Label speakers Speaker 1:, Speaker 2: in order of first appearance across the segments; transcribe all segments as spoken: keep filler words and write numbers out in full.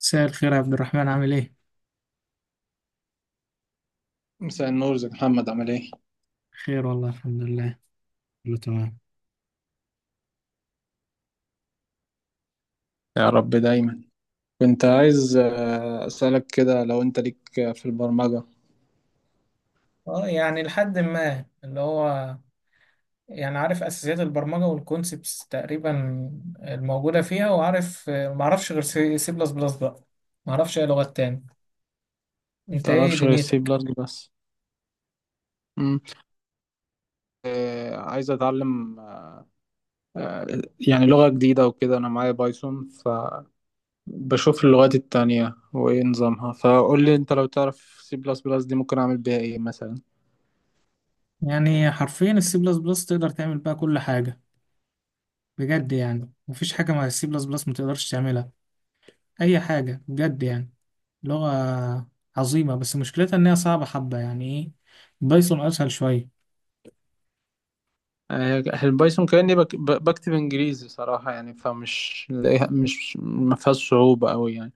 Speaker 1: مساء الخير يا عبد الرحمن، عامل ايه؟
Speaker 2: مساء النور، ازيك يا محمد؟ عامل ايه؟
Speaker 1: خير والله، الحمد لله، كله تمام.
Speaker 2: يا رب دايما. كنت عايز آه، اسألك كده لو انت ليك آه، في البرمجة.
Speaker 1: اه يعني لحد ما اللي هو يعني عارف اساسيات البرمجه والكونسبتس تقريبا الموجوده فيها. وعارف، ما اعرفش غير سي سي بلس بلس بقى، ما اعرفش اي لغات تاني. انت ايه
Speaker 2: متعرفش غير السي
Speaker 1: دنيتك؟
Speaker 2: بلس بس؟ مم. آه، عايز اتعلم آه، يعني لغة جديدة وكده. انا معايا بايثون، فبشوف اللغات التانية وايه نظامها. فقول لي انت لو تعرف سي بلس بلس دي، ممكن اعمل بيها ايه مثلا؟
Speaker 1: يعني حرفيا السي بلس بلس تقدر تعمل بقى كل حاجة. بجد يعني مفيش حاجة مع السي بلس بلس متقدرش تعملها، أي حاجة بجد يعني. لغة عظيمة، بس مشكلتها إن هي صعبة حبة، يعني ايه، بايثون أسهل شوية.
Speaker 2: آه، البايثون كأني بك- ب- بكتب انجليزي صراحة يعني، فمش لاقيها- مش ما فيهاش صعوبة قوي يعني.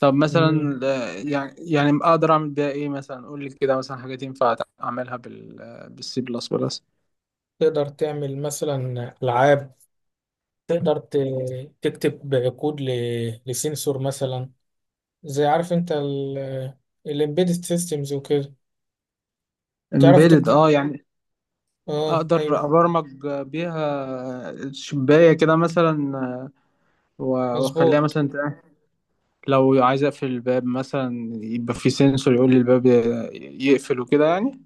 Speaker 2: طب
Speaker 1: مم.
Speaker 2: مثلا آه، يعني يعني اقدر اعمل بيها ايه مثلا؟ قول لي كده مثلا، حاجات ينفع اعملها بال بالسي بلس بلس.
Speaker 1: تقدر تعمل مثلا ألعاب، تقدر ت- تكتب كود ل- لسنسور مثلا، زي عارف انت الامبيدد سيستمز وكده، تعرف
Speaker 2: امبيدد،
Speaker 1: تكتب.
Speaker 2: اه يعني
Speaker 1: اه
Speaker 2: اقدر
Speaker 1: ايوه،
Speaker 2: ابرمج بيها شباية كده مثلا، آه، و- واخليها
Speaker 1: مظبوط.
Speaker 2: مثلا تق- لو عايز اقفل الباب مثلا، يبقى في سنسور يقول لي الباب ي- يقفل وكده يعني.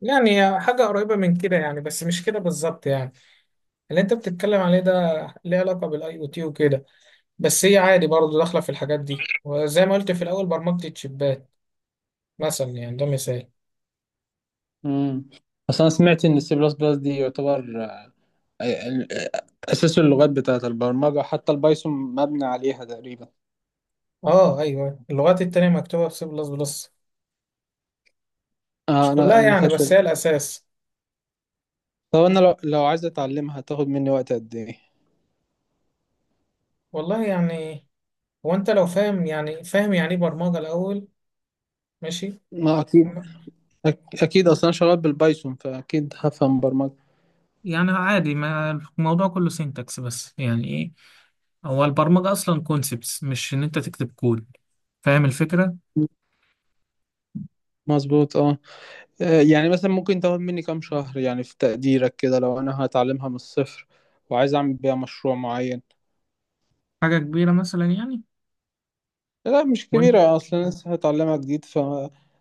Speaker 1: يعني هي حاجة قريبة من كده يعني، بس مش كده بالظبط يعني. اللي انت بتتكلم عليه ده ليه علاقة بالاي او تي وكده، بس هي عادي برضه داخلة في الحاجات دي، وزي ما قلت في الأول برمجة الشيبات مثلا، يعني ده مثال.
Speaker 2: مم. اصل انا سمعت ان السي بلس بلس دي يعتبر ال- اساس اللغات بتاعت البرمجه، حتى البايثون مبني عليها تقريبا.
Speaker 1: اه ايوه، اللغات التانية مكتوبة في سي بلس بلس. مش
Speaker 2: آه انا
Speaker 1: كلها
Speaker 2: انا
Speaker 1: يعني،
Speaker 2: خدت.
Speaker 1: بس هي الأساس.
Speaker 2: طب انا لو لو عايز اتعلمها، هتاخد مني وقت قد ايه؟
Speaker 1: والله يعني، هو أنت لو فاهم يعني فاهم يعني إيه برمجة الأول. ماشي.
Speaker 2: ما اكيد،
Speaker 1: م-
Speaker 2: أك- اكيد اصلا شغال بالبايثون فاكيد هفهم برمجه.
Speaker 1: يعني عادي، ما الموضوع كله سينتاكس، بس يعني إيه، هو البرمجة أصلا كونسبتس، مش إن أنت تكتب كود. فاهم الفكرة.
Speaker 2: مظبوط اه. آه، يعني مثلا ممكن تاخد مني كام شهر يعني في تقديرك كده، لو انا هتعلمها من الصفر وعايز اعمل بيها مشروع معين؟
Speaker 1: حاجة كبيرة مثلا يعني.
Speaker 2: لا مش
Speaker 1: وأنت،
Speaker 2: كبيرة، اصلا لسه هتعلمها جديد، ف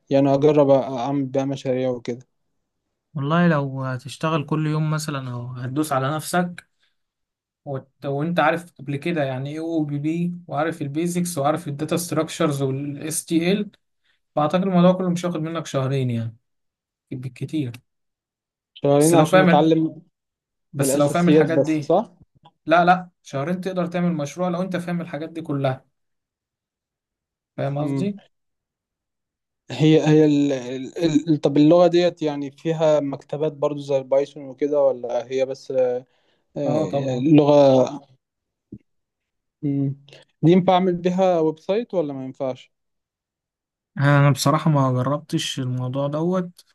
Speaker 2: يعني اجرب أ- اعمل بيها مشاريع وكده.
Speaker 1: والله لو هتشتغل كل يوم مثلا، أو هتدوس على نفسك، وت... وانت عارف قبل كده يعني ايه او بي بي، وعارف البيزكس، وعارف الداتا ستراكشرز والاس تي ال، فاعتقد الموضوع كله مش هياخد منك شهرين يعني، بالكتير. بس
Speaker 2: شهرين
Speaker 1: لو
Speaker 2: عشان
Speaker 1: فاهم
Speaker 2: اتعلم
Speaker 1: بس لو فاهم
Speaker 2: الاساسيات
Speaker 1: الحاجات
Speaker 2: بس،
Speaker 1: دي.
Speaker 2: صح؟
Speaker 1: لا، لا، شهرين تقدر تعمل مشروع لو انت فاهم الحاجات دي كلها. فاهم
Speaker 2: مم.
Speaker 1: قصدي؟
Speaker 2: هي هي ال... ال... ال... طب اللغة ديت يعني فيها مكتبات برضو زي البايثون وكده، ولا هي بس آه،
Speaker 1: اه
Speaker 2: آه،
Speaker 1: طبعا.
Speaker 2: لغة؟ مم. دي ينفع أعمل بيها ويب سايت ولا ما ينفعش؟
Speaker 1: انا بصراحة ما جربتش الموضوع دوت،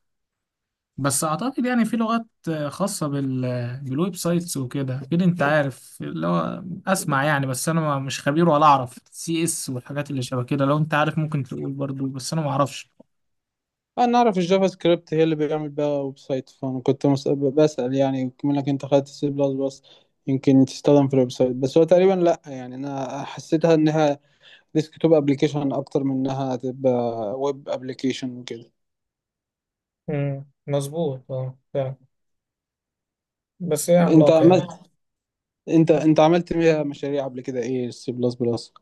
Speaker 1: بس اعتقد يعني في لغات آه، خاصة بال آه، بالويب سايتس وكده، اكيد انت عارف اللي هو اسمع يعني، بس انا ما- مش خبير ولا اعرف سي اس والحاجات اللي شبه كده. لو انت عارف ممكن تقول برضو، بس انا ما اعرفش.
Speaker 2: أنا أعرف الجافا سكريبت هي اللي بيعمل بيها ويب سايت، فأنا كنت مس- بسأل يعني، كمان لك أنت خدت سي بلس بلس، يمكن تستخدم في الويب سايت. بس هو تقريبا لأ يعني، أنا حسيتها إنها ديسكتوب أبلكيشن أكتر من إنها تبقى ويب أبلكيشن وكده.
Speaker 1: امم، مظبوط، اه فعلا، بس هي
Speaker 2: أنت
Speaker 1: عملاقة يعني.
Speaker 2: انت انت عملت بيها مشاريع قبل كده ايه السي بلس بلس؟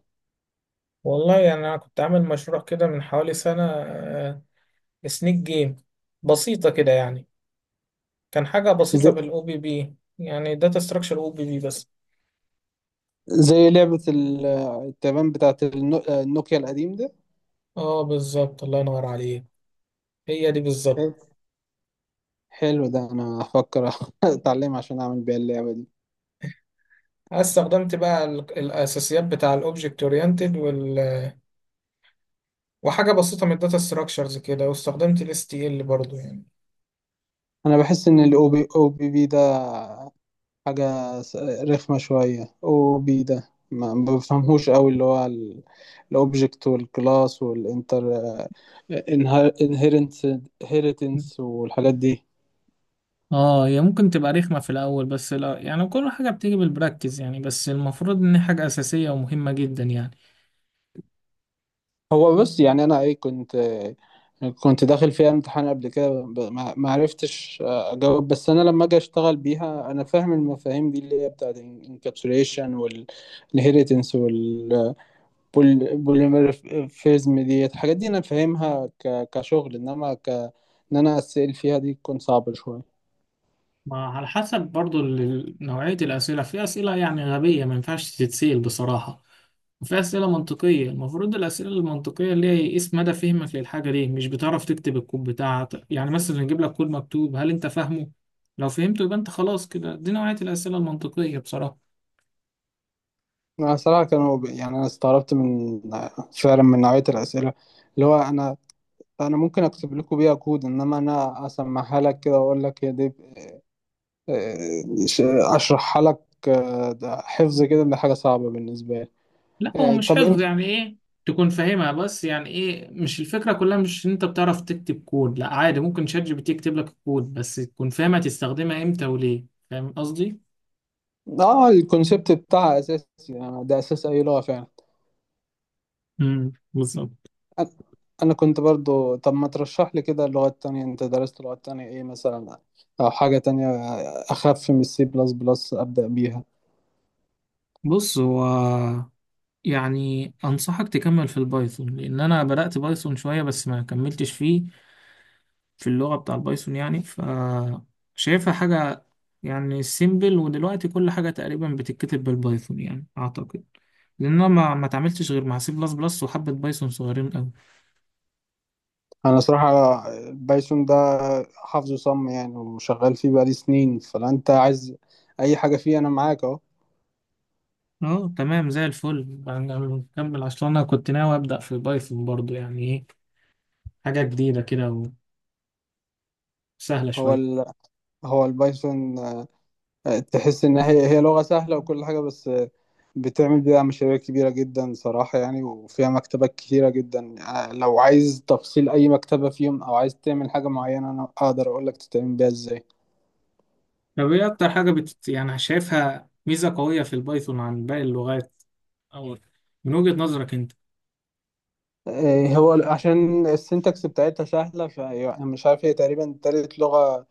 Speaker 1: والله يعني، انا كنت عامل مشروع كده من حوالي سنة، سنيك جيم، بسيطة كده يعني. كان حاجة بسيطة
Speaker 2: زي,
Speaker 1: بالاو بي بي، يعني داتا ستراكشر او بي بي بس.
Speaker 2: زي لعبة ال- التبان بتاعت النو- النوكيا القديم ده.
Speaker 1: اه بالظبط، الله ينور عليك، هي دي
Speaker 2: حلو.
Speaker 1: بالظبط.
Speaker 2: حلو، ده انا هفكر اتعلم عشان اعمل بيها اللعبة دي.
Speaker 1: أنا استخدمت بقى ال- الاساسيات بتاع الاوبجكت اورينتد وال... وحاجة بسيطة من الداتا ستراكشرز كده، واستخدمت الاس تي ال برضو يعني.
Speaker 2: انا بحس ان الاو بي او بي بي ده حاجة س- رخمة شوية، او بي ده ما ما بفهمهوش قوي، اللي هو الاوبجكت والكلاس والانتر انهيرنس والحاجات دي.
Speaker 1: اه هي ممكن تبقى رخمة في الأول، بس لا يعني، كل حاجة بتيجي بالبراكتس يعني، بس المفروض إن هي حاجة أساسية ومهمة جدا يعني.
Speaker 2: هو بص، يعني انا ايه كنت كنت داخل فيها امتحان قبل كده ب- ما ما عرفتش آه، اجاوب. بس انا لما اجي اشتغل بيها انا فاهم المفاهيم دي، اللي هي بتاعت الانكابسوليشن والهيريتنس والبوليمورفيزم، دي الحاجات دي انا فاهمها ك- كشغل، انما ك ان انا اسال فيها دي تكون صعبة شوية.
Speaker 1: ما على حسب برضو ال- نوعية الأسئلة. في أسئلة يعني غبية ما ينفعش تتسأل بصراحة، وفي أسئلة منطقية. المفروض الأسئلة المنطقية اللي هي يقيس مدى فهمك للحاجة دي، مش بتعرف تكتب الكود بتاعك يعني. مثلا نجيب لك كود مكتوب، هل أنت فاهمه؟ لو فهمته يبقى أنت خلاص كده، دي نوعية الأسئلة المنطقية بصراحة.
Speaker 2: انا صراحة كانوا ب- يعني انا استغربت من، فعلا من نوعية الاسئلة، اللي هو انا انا ممكن اكتب لكم بيها كود، انما انا اسمعها لك كده واقول لك هي دي، آه، ش- اشرحها لك، آه، ده حفظ كده، ده حاجه صعبه بالنسبه لي.
Speaker 1: لا هو
Speaker 2: آه،
Speaker 1: مش
Speaker 2: طب
Speaker 1: حفظ،
Speaker 2: انت،
Speaker 1: يعني إيه، تكون فاهمها، بس يعني إيه، مش الفكرة كلها مش إن أنت بتعرف تكتب كود، لا عادي ممكن شات جي بي تي يكتب لك الكود، بس تكون فاهمة تستخدمها إمتى وليه. فاهم قصدي؟
Speaker 2: اه الكونسيبت بتاعها اساسي، يعني ده اساس اي لغه فعلا.
Speaker 1: امم، بالظبط.
Speaker 2: أ- انا كنت برضو، طب ما ترشح لي كده اللغات تانية، انت درست لغات تانية ايه مثلا، او حاجه تانية اخف من السي بلس بلس ابدا بيها؟
Speaker 1: بص هو، يعني انصحك تكمل في البايثون، لان انا بدأت بايثون شوية، بس ما كملتش فيه. في اللغة بتاع البايثون يعني، ف شايفها حاجة يعني سيمبل، ودلوقتي كل حاجة تقريبا بتتكتب بالبايثون يعني اعتقد. لان انا ما ما اتعاملتش غير مع سي بلس بلس وحبة بايثون صغيرين قوي.
Speaker 2: انا صراحه آه، بايثون ده حافظه صم يعني، وشغال فيه بقالي سنين، فلو انت عايز اي حاجه فيه انا معاك اهو.
Speaker 1: اه تمام، زي الفل يعني، نكمل، عشان انا كنت ناوي ابدأ في بايثون برضو، يعني ايه، حاجة جديدة كده، وسهلة
Speaker 2: هو
Speaker 1: شوية.
Speaker 2: ال... هو البايثون تحس ان هي هي لغه سهله وكل حاجه، بس بتعمل بيها مشاريع كبيره جدا صراحه يعني، وفيها مكتبات كتيره جدا. يعني لو عايز تفصيل اي مكتبه فيهم، او عايز تعمل حاجه معينه، انا اقدر اقول لك تتعمل بيها ازاي.
Speaker 1: طب ايه اكتر حاجة بت... يعني شايفها ميزة قوية في البايثون عن باقي اللغات، او من وجهة نظرك انت؟
Speaker 2: إيه، هو عشان السنتكس بتاعتها سهله، فانا مش عارف، هي تقريبا تالت لغه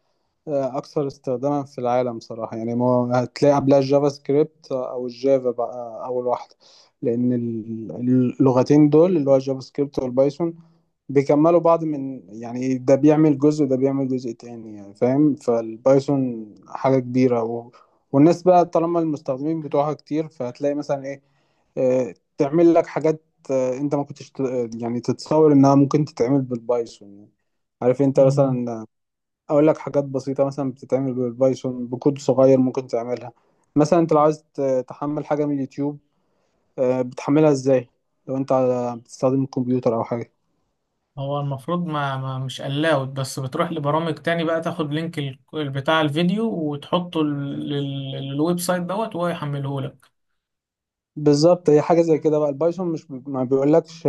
Speaker 2: آه، اكثر استخداما في العالم صراحه يعني. ما هو هتلاقي قبلها الجافا سكريبت او الجافا بقى اول واحده، لان ال- اللغتين دول اللي هو الجافا سكريبت والبايثون بيكملوا بعض، من يعني ده بيعمل جزء وده بيعمل جزء تاني، يعني فاهم. فالبايثون حاجة كبيرة، و... والناس بقى طالما المستخدمين بتوعها كتير، فهتلاقي مثلا ايه، آه، تعمل لك حاجات آه، انت ما كنتش ت- يعني تتصور انها ممكن تتعمل بالبايثون يعني. عارف انت
Speaker 1: مم.
Speaker 2: مثلا، اقول لك حاجات بسيطة مثلا بتتعمل بالبايثون بكود صغير ممكن تعملها. مثلا انت لو عايز ت- تحمل حاجة من اليوتيوب، آه، بتحملها ازاي لو انت على- بتستخدم الكمبيوتر او حاجة؟
Speaker 1: هو المفروض ما, ما مش allowed، بس بتروح لبرامج تاني بقى، تاخد لينك ال- بتاع الفيديو وتحطه لل- لل- للويب سايت دوت، وهو يحمله لك.
Speaker 2: بالظبط، هي حاجه زي كده بقى. البايثون مش بي... ما بيقولكش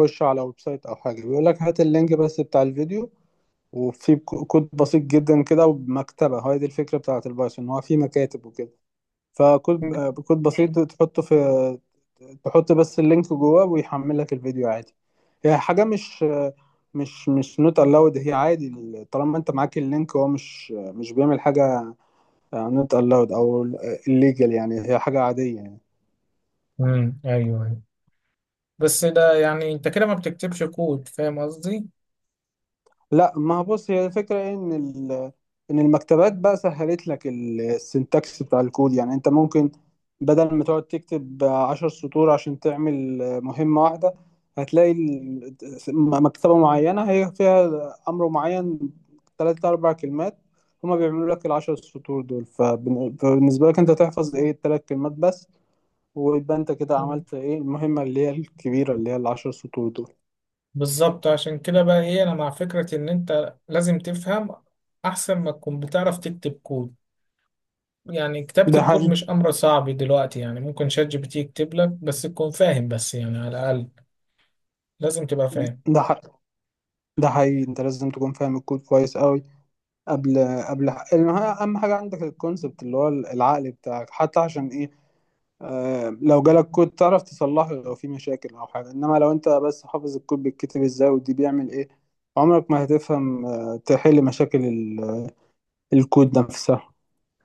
Speaker 2: خش على ويب سايت او حاجه، بيقولك هات اللينك بس بتاع الفيديو، وفي كو- كود بسيط جدا كده ومكتبه. هاي دي الفكره بتاعه البايثون، هو في مكاتب وكده، فكود آه، كود بسيط تحطه في، تحط بس اللينك جواه ويحمل لك الفيديو عادي. هي حاجه مش آه، مش مش نوت الاود، هي عادي. طالما انت معاك اللينك، هو مش آه، مش بيعمل حاجه نوت الاود او الليجل، يعني هي حاجه عاديه.
Speaker 1: امم، ايوه ايوه، بس ده يعني انت كده ما بتكتبش كود. فاهم قصدي؟
Speaker 2: لا ما هو بص، هي الفكرة إن ال- إن المكتبات بقى سهلت لك ال- السنتكس بتاع الكود. يعني أنت ممكن بدل ما تقعد تكتب عشر سطور عشان تعمل مهمة واحدة، هتلاقي ال- م- مكتبة معينة هي فيها أمر معين، تلات أربع كلمات هما بيعملوا لك العشر سطور دول. فبن- فبالنسبة لك أنت تحفظ إيه التلات كلمات بس، ويبقى أنت كده
Speaker 1: مم.
Speaker 2: عملت إيه المهمة اللي هي الكبيرة اللي هي العشر سطور دول.
Speaker 1: بالظبط، عشان كده بقى ايه، انا مع فكرة ان انت لازم تفهم احسن ما تكون بتعرف تكتب كود. يعني كتابة
Speaker 2: ده
Speaker 1: الكود
Speaker 2: حقيقي.
Speaker 1: مش أمر صعب دلوقتي، يعني ممكن شات جي بي تي يكتب لك، بس تكون فاهم، بس يعني على الأقل لازم تبقى فاهم.
Speaker 2: ده حقيقي. ده حقيقي، انت لازم تكون فاهم الكود كويس قوي قبل قبل. المهم، اهم حاجه عندك الكونسبت اللي هو العقل بتاعك، حتى عشان ايه، آه لو جالك كود تعرف تصلحه لو في مشاكل او حاجه. انما لو انت بس حافظ الكود بيتكتب ازاي ودي بيعمل ايه، عمرك ما هتفهم آه تحل مشاكل ال- الكود نفسها.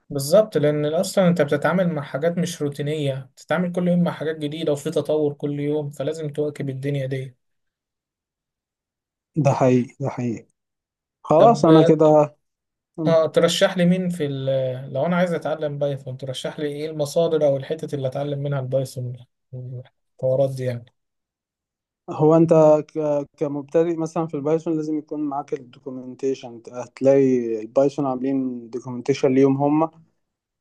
Speaker 1: بالظبط، لأن أصلا أنت بتتعامل مع حاجات مش روتينية، بتتعامل كل يوم مع حاجات جديدة، وفي تطور كل يوم، فلازم تواكب الدنيا دي.
Speaker 2: ده حقيقي. ده حقيقي. خلاص انا
Speaker 1: طب
Speaker 2: كده. مم.
Speaker 1: آه ترشح لي مين في ال- لو أنا عايز أتعلم بايثون، ترشح لي إيه المصادر أو الحتت اللي أتعلم منها البايثون والحوارات دي يعني.
Speaker 2: هو انت ك- كمبتدئ مثلا في البايثون، لازم يكون معاك الدوكيومنتيشن. هتلاقي البايثون عاملين دوكيومنتيشن ليهم هم،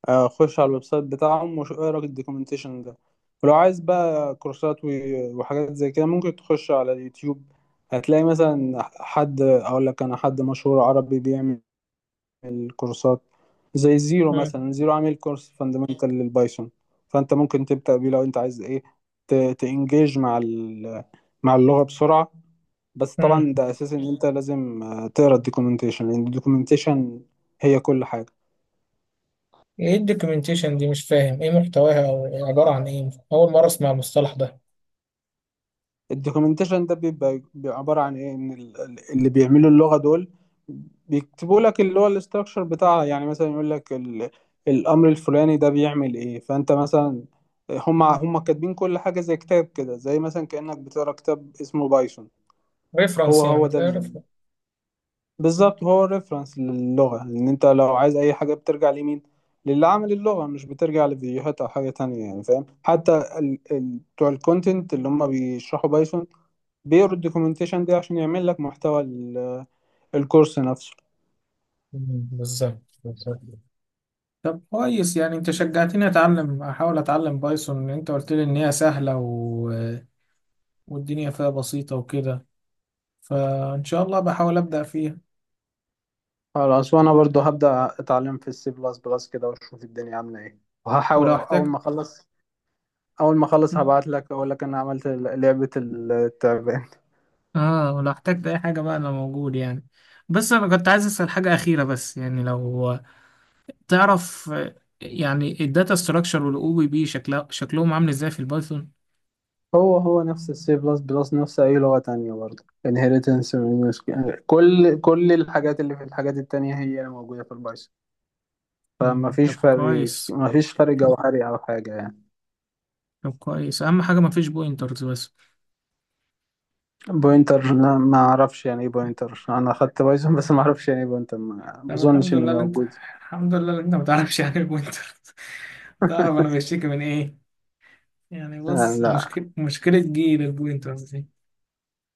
Speaker 2: آه، خش على الويب سايت بتاعهم واقرا الدوكيومنتيشن ده. ولو عايز بقى كورسات و- وحاجات زي كده، ممكن تخش على اليوتيوب. هتلاقي مثلا حد، اقول لك انا حد مشهور عربي بيعمل كورسات، زي زيرو
Speaker 1: مم.
Speaker 2: مثلا. زيرو عامل كورس فاندامنتال للبايثون، فانت ممكن تبدأ بيه لو انت عايز ايه ت- تانجيج مع ال- مع اللغة بسرعة. بس
Speaker 1: مم.
Speaker 2: طبعا ده اساس ان انت لازم آه، تقرا الدوكيومنتيشن، لان الدوكيومنتيشن هي كل حاجة.
Speaker 1: إيه الدوكيومنتيشن دي؟ مش فاهم إيه محتواها أو عبارة عن إيه، أول مرة أسمع المصطلح ده.
Speaker 2: الدوكيومنتيشن ده بيبقى بيبقى عبارة عن ايه؟ ان ال- ال- اللي بيعملوا اللغة دول بيكتبوا لك اللي هو الاستراكشر بتاعها، يعني مثلا يقول لك ال... الامر الفلاني ده بيعمل ايه. فانت مثلا، هم هم كاتبين كل حاجة زي كتاب كده، زي مثلا كأنك بتقرا كتاب اسمه بايثون. هو
Speaker 1: ريفرنس
Speaker 2: هو
Speaker 1: يعني،
Speaker 2: ده
Speaker 1: زي
Speaker 2: ال...
Speaker 1: ريفرنس.
Speaker 2: بالظبط، هو الريفرنس للغة، ان انت لو عايز اي حاجة بترجع لمين؟ للي عامل اللغة، مش بترجع لفيديوهات او حاجة تانية، يعني فاهم. حتى ال... ال... بتوع الكونتنت اللي هم بيشرحوا بايثون بيقروا الدوكيومنتيشن دي عشان يعمل لك محتوى ال- الكورس نفسه.
Speaker 1: بالظبط، بالظبط. طب كويس، يعني انت شجعتني اتعلم، احاول اتعلم بايثون، انت قلت لي ان هي سهلة و... والدنيا فيها بسيطة وكده، فان شاء الله بحاول ابدأ فيها.
Speaker 2: خلاص، وانا برضو هبدأ اتعلم في السي بلس بلس كده واشوف الدنيا عاملة ايه،
Speaker 1: ولو
Speaker 2: وهحاول اول
Speaker 1: احتجت.
Speaker 2: ما اخلص. اول ما اخلص هبعت لك اقول لك انا عملت ال- لعبة التعبان.
Speaker 1: اه ولو احتجت اي حاجة بقى انا موجود يعني. بس انا كنت عايز اسأل حاجة اخيرة بس يعني، لو تعرف آه، يعني الداتا ستراكشر والاو بي بي شكلها شكلهم عامل ازاي في البايثون؟
Speaker 2: هو هو نفس السي بلس بلس، نفس اي لغة تانية برضو. inheritance من- كل كل الحاجات اللي في الحاجات التانية هي اللي موجودة في البايثون، فما
Speaker 1: مم،
Speaker 2: فيش
Speaker 1: طب
Speaker 2: فرق
Speaker 1: كويس،
Speaker 2: ما فيش فرق جوهري او حاجة يعني.
Speaker 1: طب كويس، اهم حاجة مفيش بوينترز بس.
Speaker 2: بوينتر، لا ما اعرفش يعني ايه بوينتر. انا اخدت بايثون بس، ما اعرفش يعني ايه بوينتر، ما ما
Speaker 1: طب
Speaker 2: اظنش
Speaker 1: الحمد
Speaker 2: انه
Speaker 1: لله اللي انت
Speaker 2: موجود.
Speaker 1: الحمد لله اللي انت ما تعرفش يعني البوينتر. تعرف انا بشتكي من ايه. يعني
Speaker 2: آه،
Speaker 1: بص،
Speaker 2: لا،
Speaker 1: مشكلة مشكلة جيل البوينترز دي.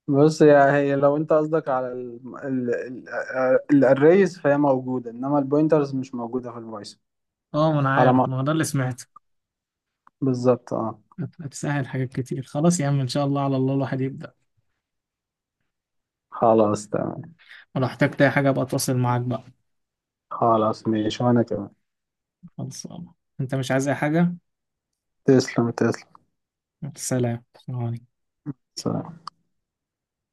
Speaker 2: بص يا هي لو انت قصدك على ال ال ال الاريز فهي موجوده، انما البوينترز مش موجوده في البايثون.
Speaker 1: اه ما انا
Speaker 2: على
Speaker 1: عارف،
Speaker 2: ما
Speaker 1: ما هو ده اللي سمعته.
Speaker 2: بالظبط اه.
Speaker 1: هت- هتسهل حاجات كتير، خلاص يا عم، ان شاء الله، على الله الواحد يبدأ.
Speaker 2: خلاص تمام.
Speaker 1: ولو احتجت اي حاجة ابقى اتواصل معاك بقى.
Speaker 2: خلاص ماشي وانا كمان.
Speaker 1: خلاص، انت مش عايز اي حاجة؟
Speaker 2: تسلم، تسلم.
Speaker 1: سلام، سلام عليكم.
Speaker 2: سلام.